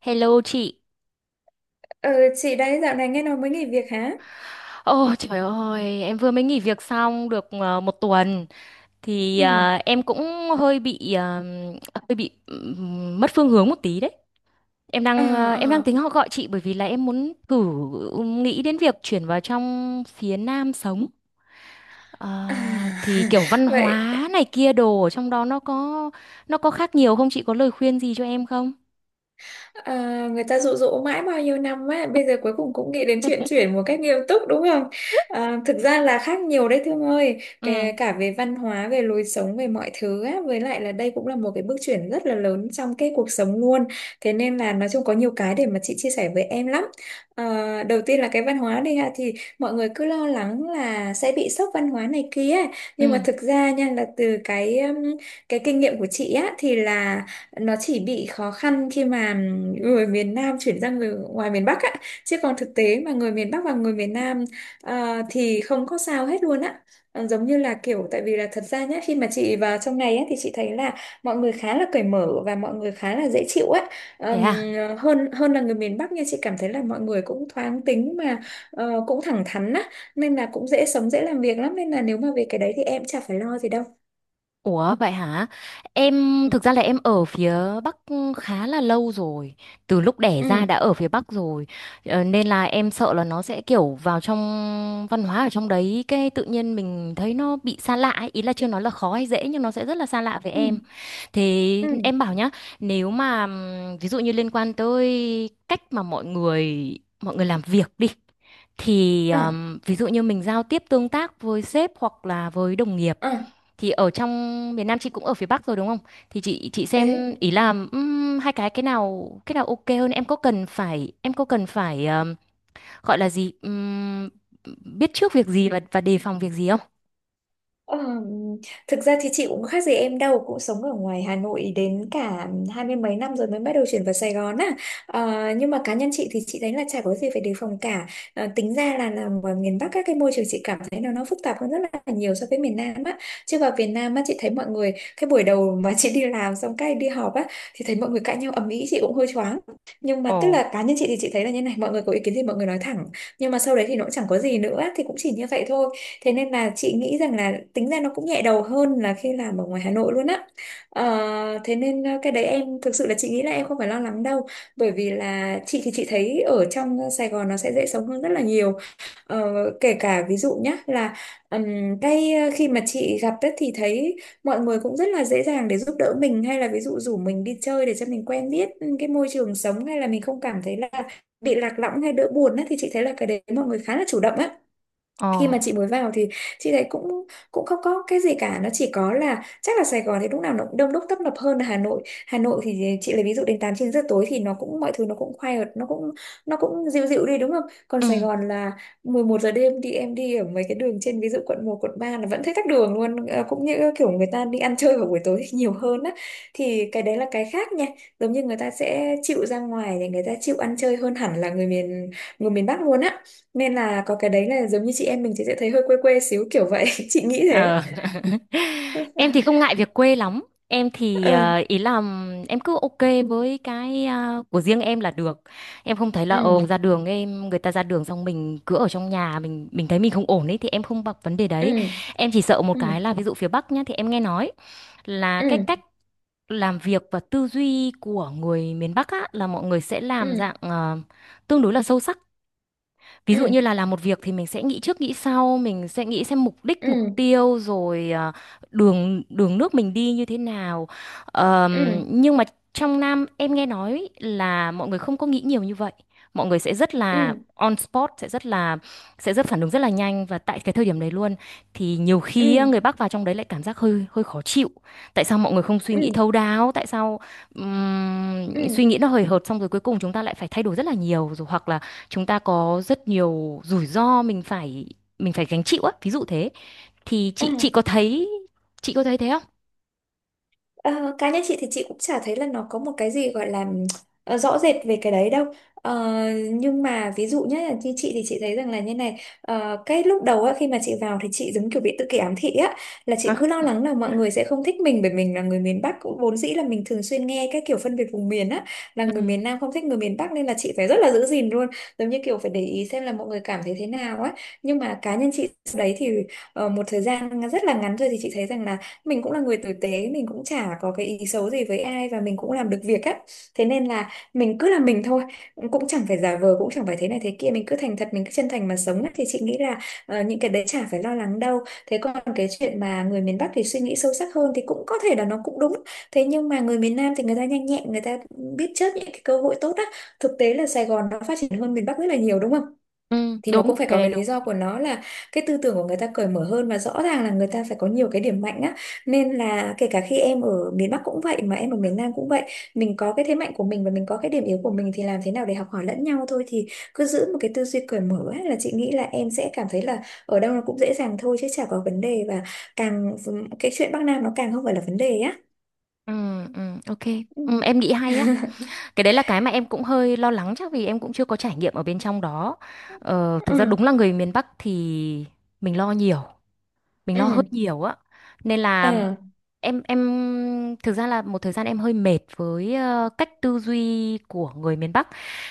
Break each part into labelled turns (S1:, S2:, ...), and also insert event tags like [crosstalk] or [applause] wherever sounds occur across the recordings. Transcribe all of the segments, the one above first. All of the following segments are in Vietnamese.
S1: Hello chị.
S2: Ừ, chị đấy dạo này nghe nói mới nghỉ việc hả?
S1: Ồ trời ơi, em vừa mới nghỉ việc xong được một tuần thì
S2: Ừ.
S1: em cũng hơi bị ờ, hơi bị mất phương hướng một tí đấy. Em
S2: Ờ,
S1: đang ờ, em đang
S2: ờ.
S1: tính họ gọi chị bởi vì là em muốn thử nghĩ đến việc chuyển vào trong phía Nam sống. Ờ,
S2: À,
S1: thì kiểu văn
S2: [laughs] vậy.
S1: hóa này kia đồ ở trong đó nó có khác nhiều không? Chị có lời khuyên gì cho em không?
S2: À, người ta dụ dỗ mãi bao nhiêu năm á, bây giờ cuối cùng cũng nghĩ đến chuyện chuyển
S1: [laughs]
S2: một cách nghiêm túc đúng không? À, thực ra là khác nhiều đấy Thương ơi.
S1: Ừ,
S2: Kể cả về văn hóa, về lối sống, về mọi thứ á, với lại là đây cũng là một cái bước chuyển rất là lớn trong cái cuộc sống luôn. Thế nên là nói chung có nhiều cái để mà chị chia sẻ với em lắm. À, đầu tiên là cái văn hóa đi ha, thì mọi người cứ lo lắng là sẽ bị sốc văn hóa này kia, nhưng
S1: ừ,
S2: mà thực ra nha là từ cái kinh nghiệm của chị á thì là nó chỉ bị khó khăn khi mà người miền Nam chuyển ra người ngoài miền Bắc á, chứ còn thực tế mà người miền Bắc và người miền Nam thì không có sao hết luôn á. Ờ, giống như là kiểu tại vì là thật ra nhá, khi mà chị vào trong này á thì chị thấy là mọi người khá là cởi mở và mọi người khá là dễ chịu á.
S1: thế
S2: Ờm,
S1: à?
S2: hơn hơn là người miền Bắc nha, chị cảm thấy là mọi người cũng thoáng tính mà cũng thẳng thắn á, nên là cũng dễ sống dễ làm việc lắm, nên là nếu mà về cái đấy thì em chả phải lo gì đâu.
S1: Ủa vậy hả? Em
S2: Ừ,
S1: thực ra là em ở phía Bắc khá là lâu rồi. Từ lúc đẻ ra
S2: ừ,
S1: đã ở phía Bắc rồi. Nên là em sợ là nó sẽ kiểu vào trong văn hóa ở trong đấy, cái tự nhiên mình thấy nó bị xa lạ ấy. Ý là chưa nói là khó hay dễ nhưng nó sẽ rất là xa lạ với
S2: ừ,
S1: em. Thế
S2: ừ.
S1: em bảo nhá, nếu mà ví dụ như liên quan tới cách mà mọi người làm việc đi, thì
S2: À,
S1: ví dụ như mình giao tiếp tương tác với sếp hoặc là với đồng nghiệp,
S2: à.
S1: thì ở trong miền Nam, chị cũng ở phía Bắc rồi đúng không? Thì chị
S2: Thế.
S1: xem, ý là hai cái, cái nào ok hơn, em có cần phải gọi là gì, biết trước việc gì và đề phòng việc gì không?
S2: Ờ, thực ra thì chị cũng khác gì em đâu, cũng sống ở ngoài Hà Nội đến cả hai mươi mấy năm rồi mới bắt đầu chuyển vào Sài Gòn á. Ờ, nhưng mà cá nhân chị thì chị thấy là chả có gì phải đề phòng cả. Ờ, tính ra là làm ở miền Bắc các cái môi trường chị cảm thấy nó phức tạp hơn rất là nhiều so với miền Nam á, chứ vào miền Nam á chị thấy mọi người cái buổi đầu mà chị đi làm xong cái đi họp á thì thấy mọi người cãi nhau ầm ĩ chị cũng hơi choáng, nhưng mà
S1: Ồ.
S2: tức là cá nhân chị thì chị thấy là như này, mọi người có ý kiến thì mọi người nói thẳng, nhưng mà sau đấy thì nó cũng chẳng có gì nữa thì cũng chỉ như vậy thôi. Thế nên là chị nghĩ rằng là tính ra nó cũng nhẹ đầu hơn là khi làm ở ngoài Hà Nội luôn á. Ờ, thế nên cái đấy em thực sự là chị nghĩ là em không phải lo lắng đâu. Bởi vì là chị thì chị thấy ở trong Sài Gòn nó sẽ dễ sống hơn rất là nhiều. Ờ, kể cả ví dụ nhá là khi mà chị gặp ấy thì thấy mọi người cũng rất là dễ dàng để giúp đỡ mình, hay là ví dụ rủ mình đi chơi để cho mình quen biết cái môi trường sống, hay là mình không cảm thấy là bị lạc lõng hay đỡ buồn á, thì chị thấy là cái đấy mọi người khá là chủ động á.
S1: Ồ.
S2: Khi mà chị mới vào thì chị thấy cũng cũng không có cái gì cả, nó chỉ có là chắc là Sài Gòn thì lúc nào nó cũng đông đúc tấp nập hơn là Hà Nội. Hà Nội thì chị lấy ví dụ đến 8 9 giờ tối thì nó cũng mọi thứ nó cũng quiet, nó cũng dịu dịu đi đúng không, còn Sài
S1: Ừ.
S2: Gòn là 11 giờ đêm đi em đi ở mấy cái đường trên ví dụ quận 1 quận 3 là vẫn thấy tắc đường luôn. Ờ, cũng như kiểu người ta đi ăn chơi vào buổi tối [laughs] nhiều hơn á, thì cái đấy là cái khác nha, giống như người ta sẽ chịu ra ngoài thì người ta chịu ăn chơi hơn hẳn là người miền Bắc luôn á, nên là có cái đấy là giống như chị em mình thì sẽ thấy hơi quê quê xíu kiểu vậy [laughs] chị nghĩ thế.
S1: Ờ. [laughs] Em thì không ngại việc quê lắm. Em thì
S2: Ờ.
S1: ý là em cứ ok với cái của riêng em là được. Em không thấy là
S2: ừ,
S1: ờ ra đường em người ta ra đường xong mình cứ ở trong nhà, mình thấy mình không ổn ấy, thì em không bập vấn đề đấy.
S2: ừ,
S1: Em chỉ sợ một
S2: ừ,
S1: cái là ví dụ phía Bắc nhá, thì em nghe nói là cái
S2: ừ,
S1: cách làm việc và tư duy của người miền Bắc á là mọi người sẽ
S2: ừ,
S1: làm dạng tương đối là sâu sắc. Ví dụ như
S2: ừ,
S1: là làm một việc thì mình sẽ nghĩ trước nghĩ sau, mình sẽ nghĩ xem mục đích,
S2: ừ,
S1: mục tiêu, rồi đường đường nước mình đi như thế nào.
S2: ừ,
S1: Nhưng mà trong Nam em nghe nói là mọi người không có nghĩ nhiều như vậy. Mọi người sẽ rất là
S2: ừ,
S1: on spot, sẽ rất phản ứng rất là nhanh và tại cái thời điểm đấy luôn, thì nhiều
S2: ừ,
S1: khi á,
S2: ừ,
S1: người Bắc vào trong đấy lại cảm giác hơi hơi khó chịu. Tại sao mọi người không suy
S2: ừ,
S1: nghĩ thấu đáo? Tại sao
S2: ừ,
S1: suy nghĩ nó hời hợt xong rồi cuối cùng chúng ta lại phải thay đổi rất là nhiều, rồi hoặc là chúng ta có rất nhiều rủi ro mình phải gánh chịu á, ví dụ thế. Thì chị
S2: ừ.
S1: có thấy, chị có thấy thế không?
S2: Ờ, cá nhân chị thì chị cũng chả thấy là nó có một cái gì gọi là rõ rệt về cái đấy đâu. Ờ, nhưng mà ví dụ nhé như chị thì chị thấy rằng là như này, ờ, cái lúc đầu á khi mà chị vào thì chị giống kiểu bị tự kỷ ám thị á, là chị cứ lo
S1: Ừ.
S2: lắng là mọi người sẽ không thích mình bởi mình là người miền Bắc, cũng vốn dĩ là mình thường xuyên nghe cái kiểu phân biệt vùng miền á, là người
S1: Ừ.
S2: miền Nam không thích người miền Bắc nên là chị phải rất là giữ gìn luôn, giống như kiểu phải để ý xem là mọi người cảm thấy thế nào á. Nhưng mà cá nhân chị đấy thì ờ, một thời gian rất là ngắn rồi thì chị thấy rằng là mình cũng là người tử tế, mình cũng chả có cái ý xấu gì với ai và mình cũng làm được việc á, thế nên là mình cứ là mình thôi, cũng chẳng phải giả vờ cũng chẳng phải thế này thế kia, mình cứ thành thật mình cứ chân thành mà sống á thì chị nghĩ là ờ, những cái đấy chả phải lo lắng đâu. Thế còn cái chuyện mà người miền Bắc thì suy nghĩ sâu sắc hơn thì cũng có thể là nó cũng đúng, thế nhưng mà người miền Nam thì người ta nhanh nhẹn, người ta biết chớp những cái cơ hội tốt á. Thực tế là Sài Gòn nó phát triển hơn miền Bắc rất là nhiều đúng không,
S1: Ừ,
S2: thì nó
S1: đúng
S2: cũng phải
S1: cái
S2: có
S1: đấy
S2: cái lý
S1: đúng.
S2: do của nó, là cái tư tưởng của người ta cởi mở hơn và rõ ràng là người ta phải có nhiều cái điểm mạnh á, nên là kể cả khi em ở miền Bắc cũng vậy mà em ở miền Nam cũng vậy, mình có cái thế mạnh của mình và mình có cái điểm yếu của mình thì làm thế nào để học hỏi lẫn nhau thôi. Thì cứ giữ một cái tư duy cởi mở ấy, là chị nghĩ là em sẽ cảm thấy là ở đâu nó cũng dễ dàng thôi chứ chả có vấn đề, và càng ừ, cái chuyện Bắc Nam nó càng không phải là vấn đề á.
S1: Ừ. Ừ. Ok.
S2: Ừ.
S1: Ừ, em nghĩ
S2: [laughs]
S1: hay á. Cái đấy là cái mà em cũng hơi lo lắng, chắc vì em cũng chưa có trải nghiệm ở bên trong đó. Thực ra
S2: Ừ,
S1: đúng là người miền Bắc thì mình lo nhiều mình lo hơi
S2: ừ.
S1: nhiều á. Nên là
S2: Ờ,
S1: em thực ra là một thời gian em hơi mệt với cách tư duy của người miền Bắc,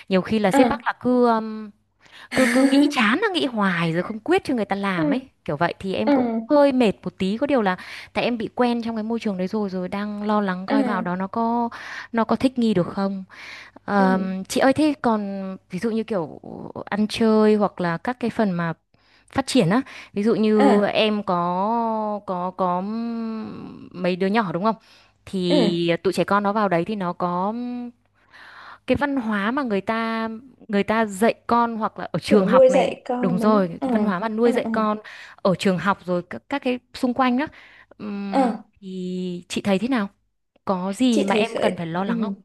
S1: nhiều khi là
S2: ờ.
S1: sếp Bắc là cứ cứ cứ nghĩ
S2: [laughs]
S1: chán là nghĩ hoài rồi không quyết cho người ta
S2: Ừ,
S1: làm ấy kiểu vậy, thì em
S2: ừ,
S1: cũng hơi mệt một tí. Có điều là tại em bị quen trong cái môi trường đấy rồi rồi đang lo lắng
S2: ừ,
S1: coi vào đó nó có thích nghi được không.
S2: ừ,
S1: Chị ơi, thế còn ví dụ như kiểu ăn chơi hoặc là các cái phần mà phát triển á, ví dụ như
S2: ừ,
S1: em có mấy đứa nhỏ đúng không,
S2: ừ.
S1: thì tụi trẻ con nó vào đấy thì nó có cái văn hóa mà người ta dạy con, hoặc là ở trường
S2: Kiểu
S1: học
S2: nuôi
S1: này,
S2: dạy
S1: đúng
S2: con
S1: rồi,
S2: đúng.
S1: cái
S2: Ờ,
S1: văn hóa mà nuôi
S2: ờ,
S1: dạy
S2: ờ,
S1: con ở trường học rồi các cái xung quanh đó.
S2: ờ.
S1: Thì chị thấy thế nào, có
S2: Chị
S1: gì mà
S2: thấy
S1: em cần
S2: khởi
S1: phải lo
S2: ừ.
S1: lắng không?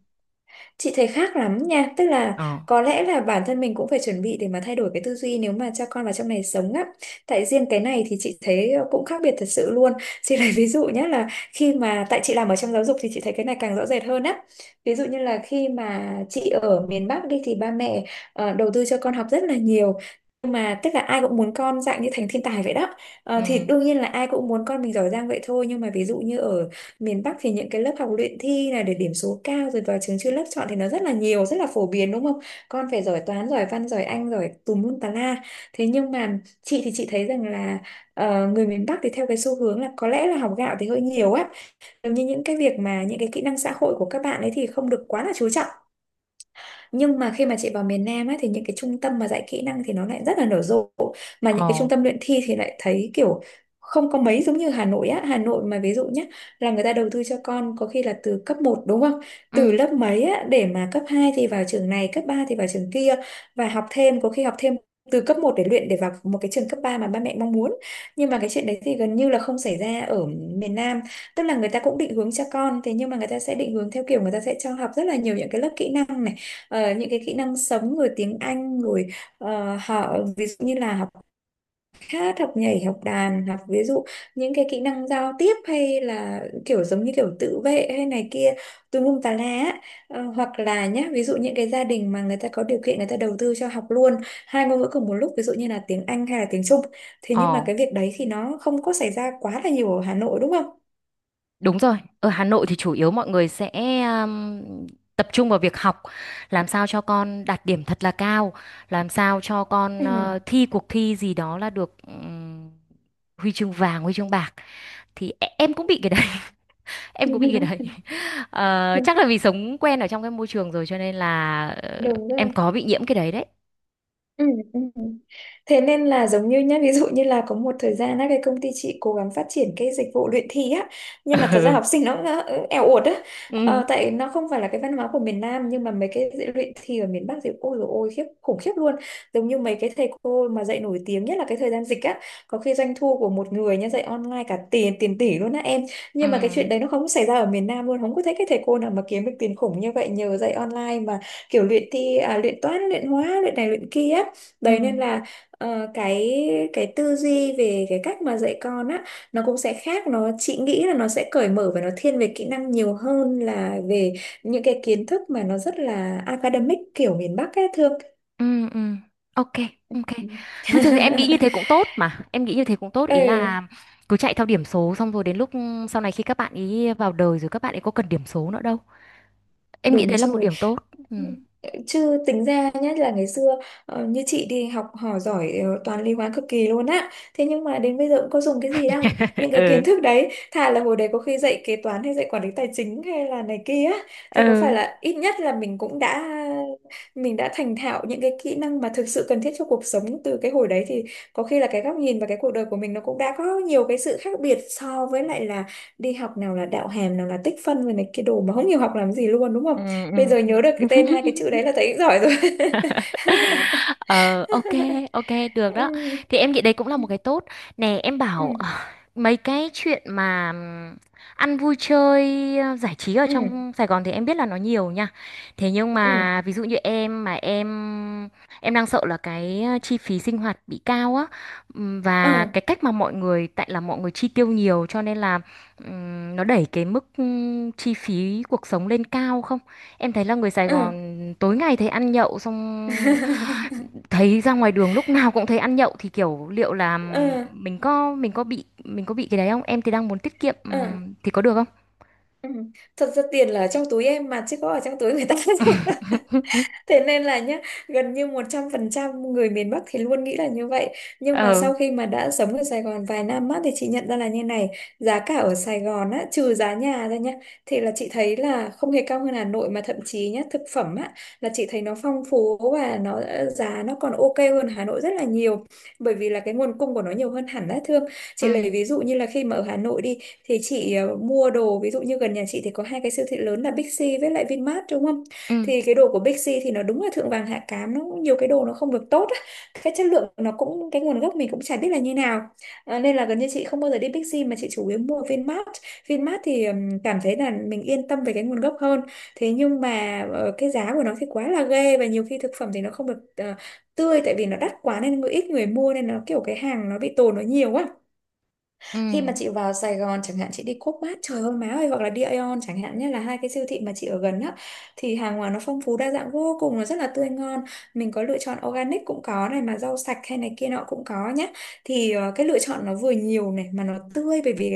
S2: Chị thấy khác lắm nha, tức là
S1: Ờ.
S2: có lẽ là bản thân mình cũng phải chuẩn bị để mà thay đổi cái tư duy nếu mà cho con vào trong này sống á. Tại riêng cái này thì chị thấy cũng khác biệt thật sự luôn. [laughs] Chị lấy ví dụ nhé là khi mà tại chị làm ở trong giáo dục thì chị thấy cái này càng rõ rệt hơn á. Ví dụ như là khi mà chị ở miền Bắc đi thì ba mẹ đầu tư cho con học rất là nhiều. Nhưng mà tức là ai cũng muốn con dạng như thành thiên tài vậy đó. Ờ,
S1: Ừ.
S2: thì đương nhiên là ai cũng muốn con mình giỏi giang vậy thôi, nhưng mà ví dụ như ở miền Bắc thì những cái lớp học luyện thi này để điểm số cao rồi vào trường chuyên lớp chọn thì nó rất là nhiều rất là phổ biến đúng không, con phải giỏi toán giỏi văn giỏi anh giỏi tùm lum tà la. Thế nhưng mà chị thì chị thấy rằng là ờ, người miền Bắc thì theo cái xu hướng là có lẽ là học gạo thì hơi nhiều á, giống như những cái việc mà những cái kỹ năng xã hội của các bạn ấy thì không được quá là chú trọng. Nhưng mà khi mà chị vào miền Nam á, thì những cái trung tâm mà dạy kỹ năng thì nó lại rất là nở rộ, mà những cái
S1: Ờ.
S2: trung tâm luyện thi thì lại thấy kiểu không có mấy giống như Hà Nội á. Hà Nội mà ví dụ nhé, là người ta đầu tư cho con có khi là từ cấp một đúng không, từ
S1: Ừ.
S2: lớp mấy á, để mà cấp 2 thì vào trường này cấp 3 thì vào trường kia, và học thêm có khi học thêm từ cấp một để luyện để vào một cái trường cấp 3 mà ba mẹ mong muốn. Nhưng mà cái chuyện đấy thì gần như là không xảy ra ở miền Nam, tức là người ta cũng định hướng cho con thế Nhưng mà người ta sẽ định hướng theo kiểu người ta sẽ cho học rất là nhiều những cái lớp kỹ năng này. Những cái kỹ năng sống rồi tiếng Anh rồi, họ ví dụ như là học hát, học nhảy, học đàn, học ví dụ những cái kỹ năng giao tiếp hay là kiểu giống như kiểu tự vệ hay này kia tùm lum tà lá á. Hoặc là nhá, ví dụ những cái gia đình mà người ta có điều kiện người ta đầu tư cho học luôn hai ngôn ngữ cùng một lúc, ví dụ như là tiếng Anh hay là tiếng Trung. Thế nhưng mà
S1: Ờ.
S2: cái việc đấy thì nó không có xảy ra quá là nhiều ở Hà Nội, đúng không?
S1: Đúng rồi, ở Hà Nội thì chủ yếu mọi người sẽ um, tập trung vào việc học, làm sao cho con đạt điểm thật là cao, làm sao cho con thi cuộc thi gì đó là được huy chương vàng, huy chương bạc. Thì em cũng bị cái đấy. [laughs]
S2: Ừ.
S1: Em cũng bị cái đấy.
S2: [laughs]
S1: Chắc là vì sống quen ở trong cái môi trường rồi cho nên là
S2: Đúng
S1: em
S2: rồi.
S1: có bị nhiễm cái đấy đấy.
S2: Ừ, ừ. Thế nên là giống như nhá, ví dụ như là có một thời gian á, cái công ty chị cố gắng phát triển cái dịch vụ luyện thi á, nhưng mà thật ra học sinh
S1: [laughs]
S2: nó cũng eo uột á,
S1: Ừ.
S2: tại nó không phải là cái văn hóa của miền Nam. Nhưng mà mấy cái dạy luyện thi ở miền Bắc thì ôi dồi ôi, khiếp, khủng khiếp luôn, giống như mấy cái thầy cô mà dạy nổi tiếng nhất là cái thời gian dịch á, có khi doanh thu của một người nhá dạy online cả tiền tiền tỷ luôn á em.
S1: Ừ.
S2: Nhưng mà cái chuyện đấy nó không xảy ra ở miền Nam luôn, không có thấy cái thầy cô nào mà kiếm được tiền khủng như vậy nhờ dạy online mà kiểu luyện thi, à, luyện toán, luyện hóa, luyện này luyện kia.
S1: Ừ.
S2: Đấy
S1: Ừ.
S2: nên là ờ, cái cái tư duy về cái cách mà dạy con á, nó cũng sẽ khác. Nó chị nghĩ là nó sẽ cởi mở và nó thiên về kỹ năng nhiều hơn là về những cái kiến thức mà nó rất là academic kiểu miền Bắc ấy, Thương.
S1: Ừ. Ừ. Ok, ok, thôi thì em nghĩ như thế cũng tốt, mà em nghĩ như thế cũng tốt,
S2: [laughs]
S1: ý là
S2: Ừ.
S1: cứ chạy theo điểm số xong rồi đến lúc sau này khi các bạn ý vào đời rồi, các bạn ấy có cần điểm số nữa đâu. Em nghĩ
S2: Đúng
S1: đấy là một
S2: rồi.
S1: điểm tốt. Ừ.
S2: Chứ tính ra, nhất là ngày xưa, như chị đi học hỏi giỏi, toán lý hóa cực kỳ luôn á. Thế nhưng mà đến bây giờ cũng có dùng cái gì đâu. Những
S1: [laughs]
S2: cái
S1: Ừ.
S2: kiến thức đấy, thà là hồi đấy có khi dạy kế toán hay dạy quản lý tài chính hay là này kia á, thì có phải
S1: Ừ.
S2: là ít nhất là mình đã thành thạo những cái kỹ năng mà thực sự cần thiết cho cuộc sống từ cái hồi đấy thì có khi là cái góc nhìn và cái cuộc đời của mình nó cũng đã có nhiều cái sự khác biệt so với lại là đi học nào là đạo hàm, nào là tích phân rồi này cái đồ mà không hiểu học làm gì luôn, đúng không?
S1: Ừ.
S2: Bây
S1: Ừ.
S2: giờ nhớ được cái tên
S1: [laughs]
S2: hai
S1: Ừ.
S2: cái chữ đấy là thấy giỏi rồi.
S1: Ờ, ok, ok, được
S2: [laughs] ừ,
S1: đó. Thì em nghĩ đấy cũng là một cái tốt. Nè, em
S2: ừ,
S1: bảo mấy cái chuyện mà ăn vui chơi, giải trí ở
S2: ừ,
S1: trong Sài Gòn thì em biết là nó nhiều nha. Thế nhưng
S2: ừ,
S1: mà ví dụ như em mà em đang sợ là cái chi phí sinh hoạt bị cao á. Và
S2: ừ,
S1: cái cách mà mọi người, tại là mọi người chi tiêu nhiều, cho nên là nó đẩy cái mức chi phí cuộc sống lên cao không? Em thấy là người Sài
S2: ừ.
S1: Gòn tối ngày thấy ăn nhậu, xong
S2: [laughs]
S1: thấy ra ngoài đường lúc nào cũng thấy ăn nhậu, thì kiểu liệu là
S2: Ờ,
S1: mình có bị cái đấy không? Em thì đang muốn tiết kiệm,
S2: ờ,
S1: thì có được không?
S2: ừ. Thật ra tiền là ở trong túi em mà chứ có ở trong túi người ta đâu. [laughs]
S1: [laughs]
S2: Thế nên là nhá, gần như 100% người miền Bắc thì luôn nghĩ là như vậy. Nhưng mà
S1: Ờ.
S2: sau khi mà đã sống ở Sài Gòn vài năm á, thì chị nhận ra là như này, giá cả ở Sài Gòn á, trừ giá nhà ra nhá, thì là chị thấy là không hề cao hơn Hà Nội, mà thậm chí nhá, thực phẩm á, là chị thấy nó phong phú và nó, giá nó còn ok hơn Hà Nội rất là nhiều. Bởi vì là cái nguồn cung của nó nhiều hơn hẳn á, Thương.
S1: Ừ.
S2: Chị lấy ví dụ như là khi mà ở Hà Nội đi, thì chị, mua đồ, ví dụ như gần nhà chị thì có hai cái siêu thị lớn là Big C với lại Vinmart, đúng không?
S1: Ừ.
S2: Thì cái đồ của Bixi thì nó đúng là thượng vàng hạ cám, nó cũng nhiều cái đồ nó không được tốt á. Cái chất lượng nó cũng, cái nguồn gốc mình cũng chả biết là như nào, nên là gần như chị không bao giờ đi Bixi mà chị chủ yếu mua Vinmart. Vinmart thì cảm thấy là mình yên tâm về cái nguồn gốc hơn. Thế nhưng mà cái giá của nó thì quá là ghê, và nhiều khi thực phẩm thì nó không được tươi, tại vì nó đắt quá nên ít người mua nên nó kiểu cái hàng nó bị tồn nó nhiều quá.
S1: Ừ.
S2: Khi mà chị vào Sài Gòn chẳng hạn, chị đi Co.opmart, trời ơi má ơi, hoặc là đi Aeon chẳng hạn nhé, là hai cái siêu thị mà chị ở gần á, thì hàng hóa nó phong phú đa dạng vô cùng, nó rất là tươi ngon, mình có lựa chọn organic cũng có này, mà rau sạch hay này kia nọ cũng có nhé. Thì cái lựa chọn nó vừa nhiều này mà nó tươi, bởi vì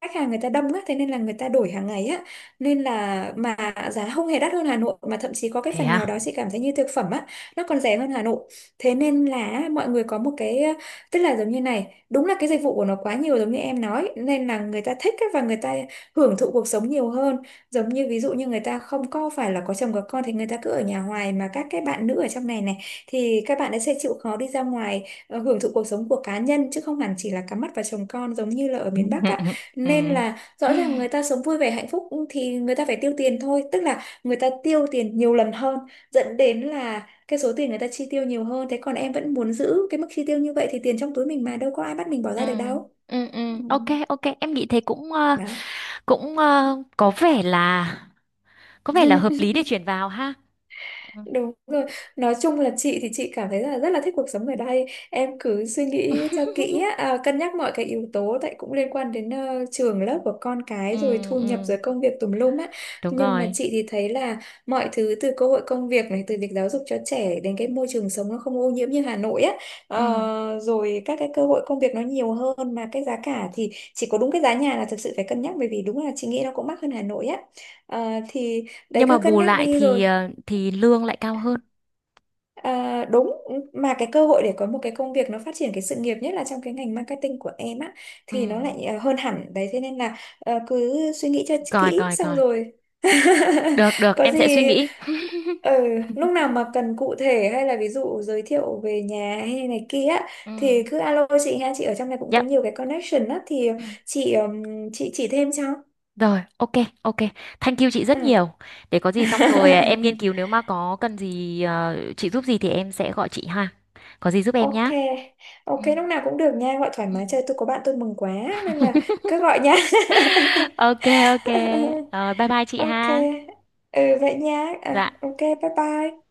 S2: khách hàng người ta đông á, thế nên là người ta đổi hàng ngày á, nên là mà giá không hề đắt hơn Hà Nội, mà thậm chí có cái
S1: Thế
S2: phần nào
S1: à?
S2: đó chị cảm thấy như thực phẩm á nó còn rẻ hơn Hà Nội. Thế nên là mọi người có một cái, tức là giống như này, đúng là cái dịch vụ của nó quá nhiều giống như em nói, nên là người ta thích ấy, và người ta hưởng thụ cuộc sống nhiều hơn. Giống như ví dụ như người ta không có phải là có chồng có con thì người ta cứ ở nhà hoài, mà các cái bạn nữ ở trong này này thì các bạn ấy sẽ chịu khó đi ra ngoài, hưởng thụ cuộc sống của cá nhân chứ không hẳn chỉ là cắm mắt vào chồng con giống như là ở miền Bắc ạ.
S1: [laughs] Ừ.
S2: Nên là rõ ràng người ta sống vui vẻ hạnh phúc thì người ta phải tiêu tiền thôi, tức là người ta tiêu tiền nhiều lần hơn, dẫn đến là cái số tiền người ta chi tiêu nhiều hơn. Thế còn em vẫn muốn giữ cái mức chi tiêu như vậy thì tiền trong túi mình mà đâu có ai bắt mình bỏ
S1: Ừ.
S2: ra được đâu.
S1: Ừ. Ừ.
S2: Ừ.
S1: Ok, ok, em nghĩ thế cũng ờ,
S2: Đó.
S1: cũng ờ, có vẻ là hợp lý để chuyển vào ha. Ừ.
S2: Đúng rồi, nói chung là chị thì chị cảm thấy là rất là thích cuộc sống ở đây. Em cứ suy nghĩ cho kỹ
S1: [laughs]
S2: á, à, cân nhắc mọi cái yếu tố, tại cũng liên quan đến trường lớp của con
S1: Ừ.
S2: cái rồi thu nhập rồi
S1: Ừ.
S2: công việc tùm lum á.
S1: Đúng
S2: Nhưng mà
S1: rồi.
S2: chị thì thấy là mọi thứ, từ cơ hội công việc này, từ việc giáo dục cho trẻ đến cái môi trường sống nó không ô nhiễm như Hà Nội á.
S1: Ừ.
S2: Rồi các cái cơ hội công việc nó nhiều hơn, mà cái giá cả thì chỉ có đúng cái giá nhà là thực sự phải cân nhắc, bởi vì đúng là chị nghĩ nó cũng mắc hơn Hà Nội á. Thì đấy,
S1: Nhưng mà
S2: cứ cân
S1: bù
S2: nhắc
S1: lại
S2: đi rồi.
S1: thì thì lương lại cao hơn.
S2: À, đúng, mà cái cơ hội để có một cái công việc nó phát triển cái sự nghiệp, nhất là trong cái ngành marketing của em á,
S1: Ừ.
S2: thì nó lại, à, hơn hẳn đấy. Thế nên là cứ suy nghĩ cho
S1: Coi
S2: kỹ
S1: coi
S2: xong
S1: coi.
S2: rồi [laughs]
S1: Được, được,
S2: có
S1: em sẽ suy
S2: gì
S1: nghĩ.
S2: ừ,
S1: [laughs]
S2: lúc nào mà cần cụ thể hay là ví dụ giới thiệu về nhà hay này kia á,
S1: Ừ.
S2: thì cứ alo chị ha, chị ở trong này cũng
S1: Dạ.
S2: có nhiều cái connection á, thì
S1: Ừ.
S2: chị ừm, chị chỉ thêm cho.
S1: Rồi, ok, ok. Thank you chị rất
S2: Ừ.
S1: nhiều. Để có gì xong rồi em nghiên cứu,
S2: [laughs]
S1: nếu mà có cần gì chị giúp gì thì em sẽ gọi chị ha. Có gì giúp em
S2: Ok,
S1: nhá.
S2: ok,
S1: Ừ.
S2: lúc nào cũng được nha, gọi thoải mái, chơi tôi có bạn tôi mừng quá, nên là cứ gọi nha.
S1: [laughs] Ok, ok.
S2: [laughs]
S1: Rồi bye bye chị
S2: Ok,
S1: ha.
S2: ừ vậy nha, à,
S1: Dạ.
S2: ok, bye bye.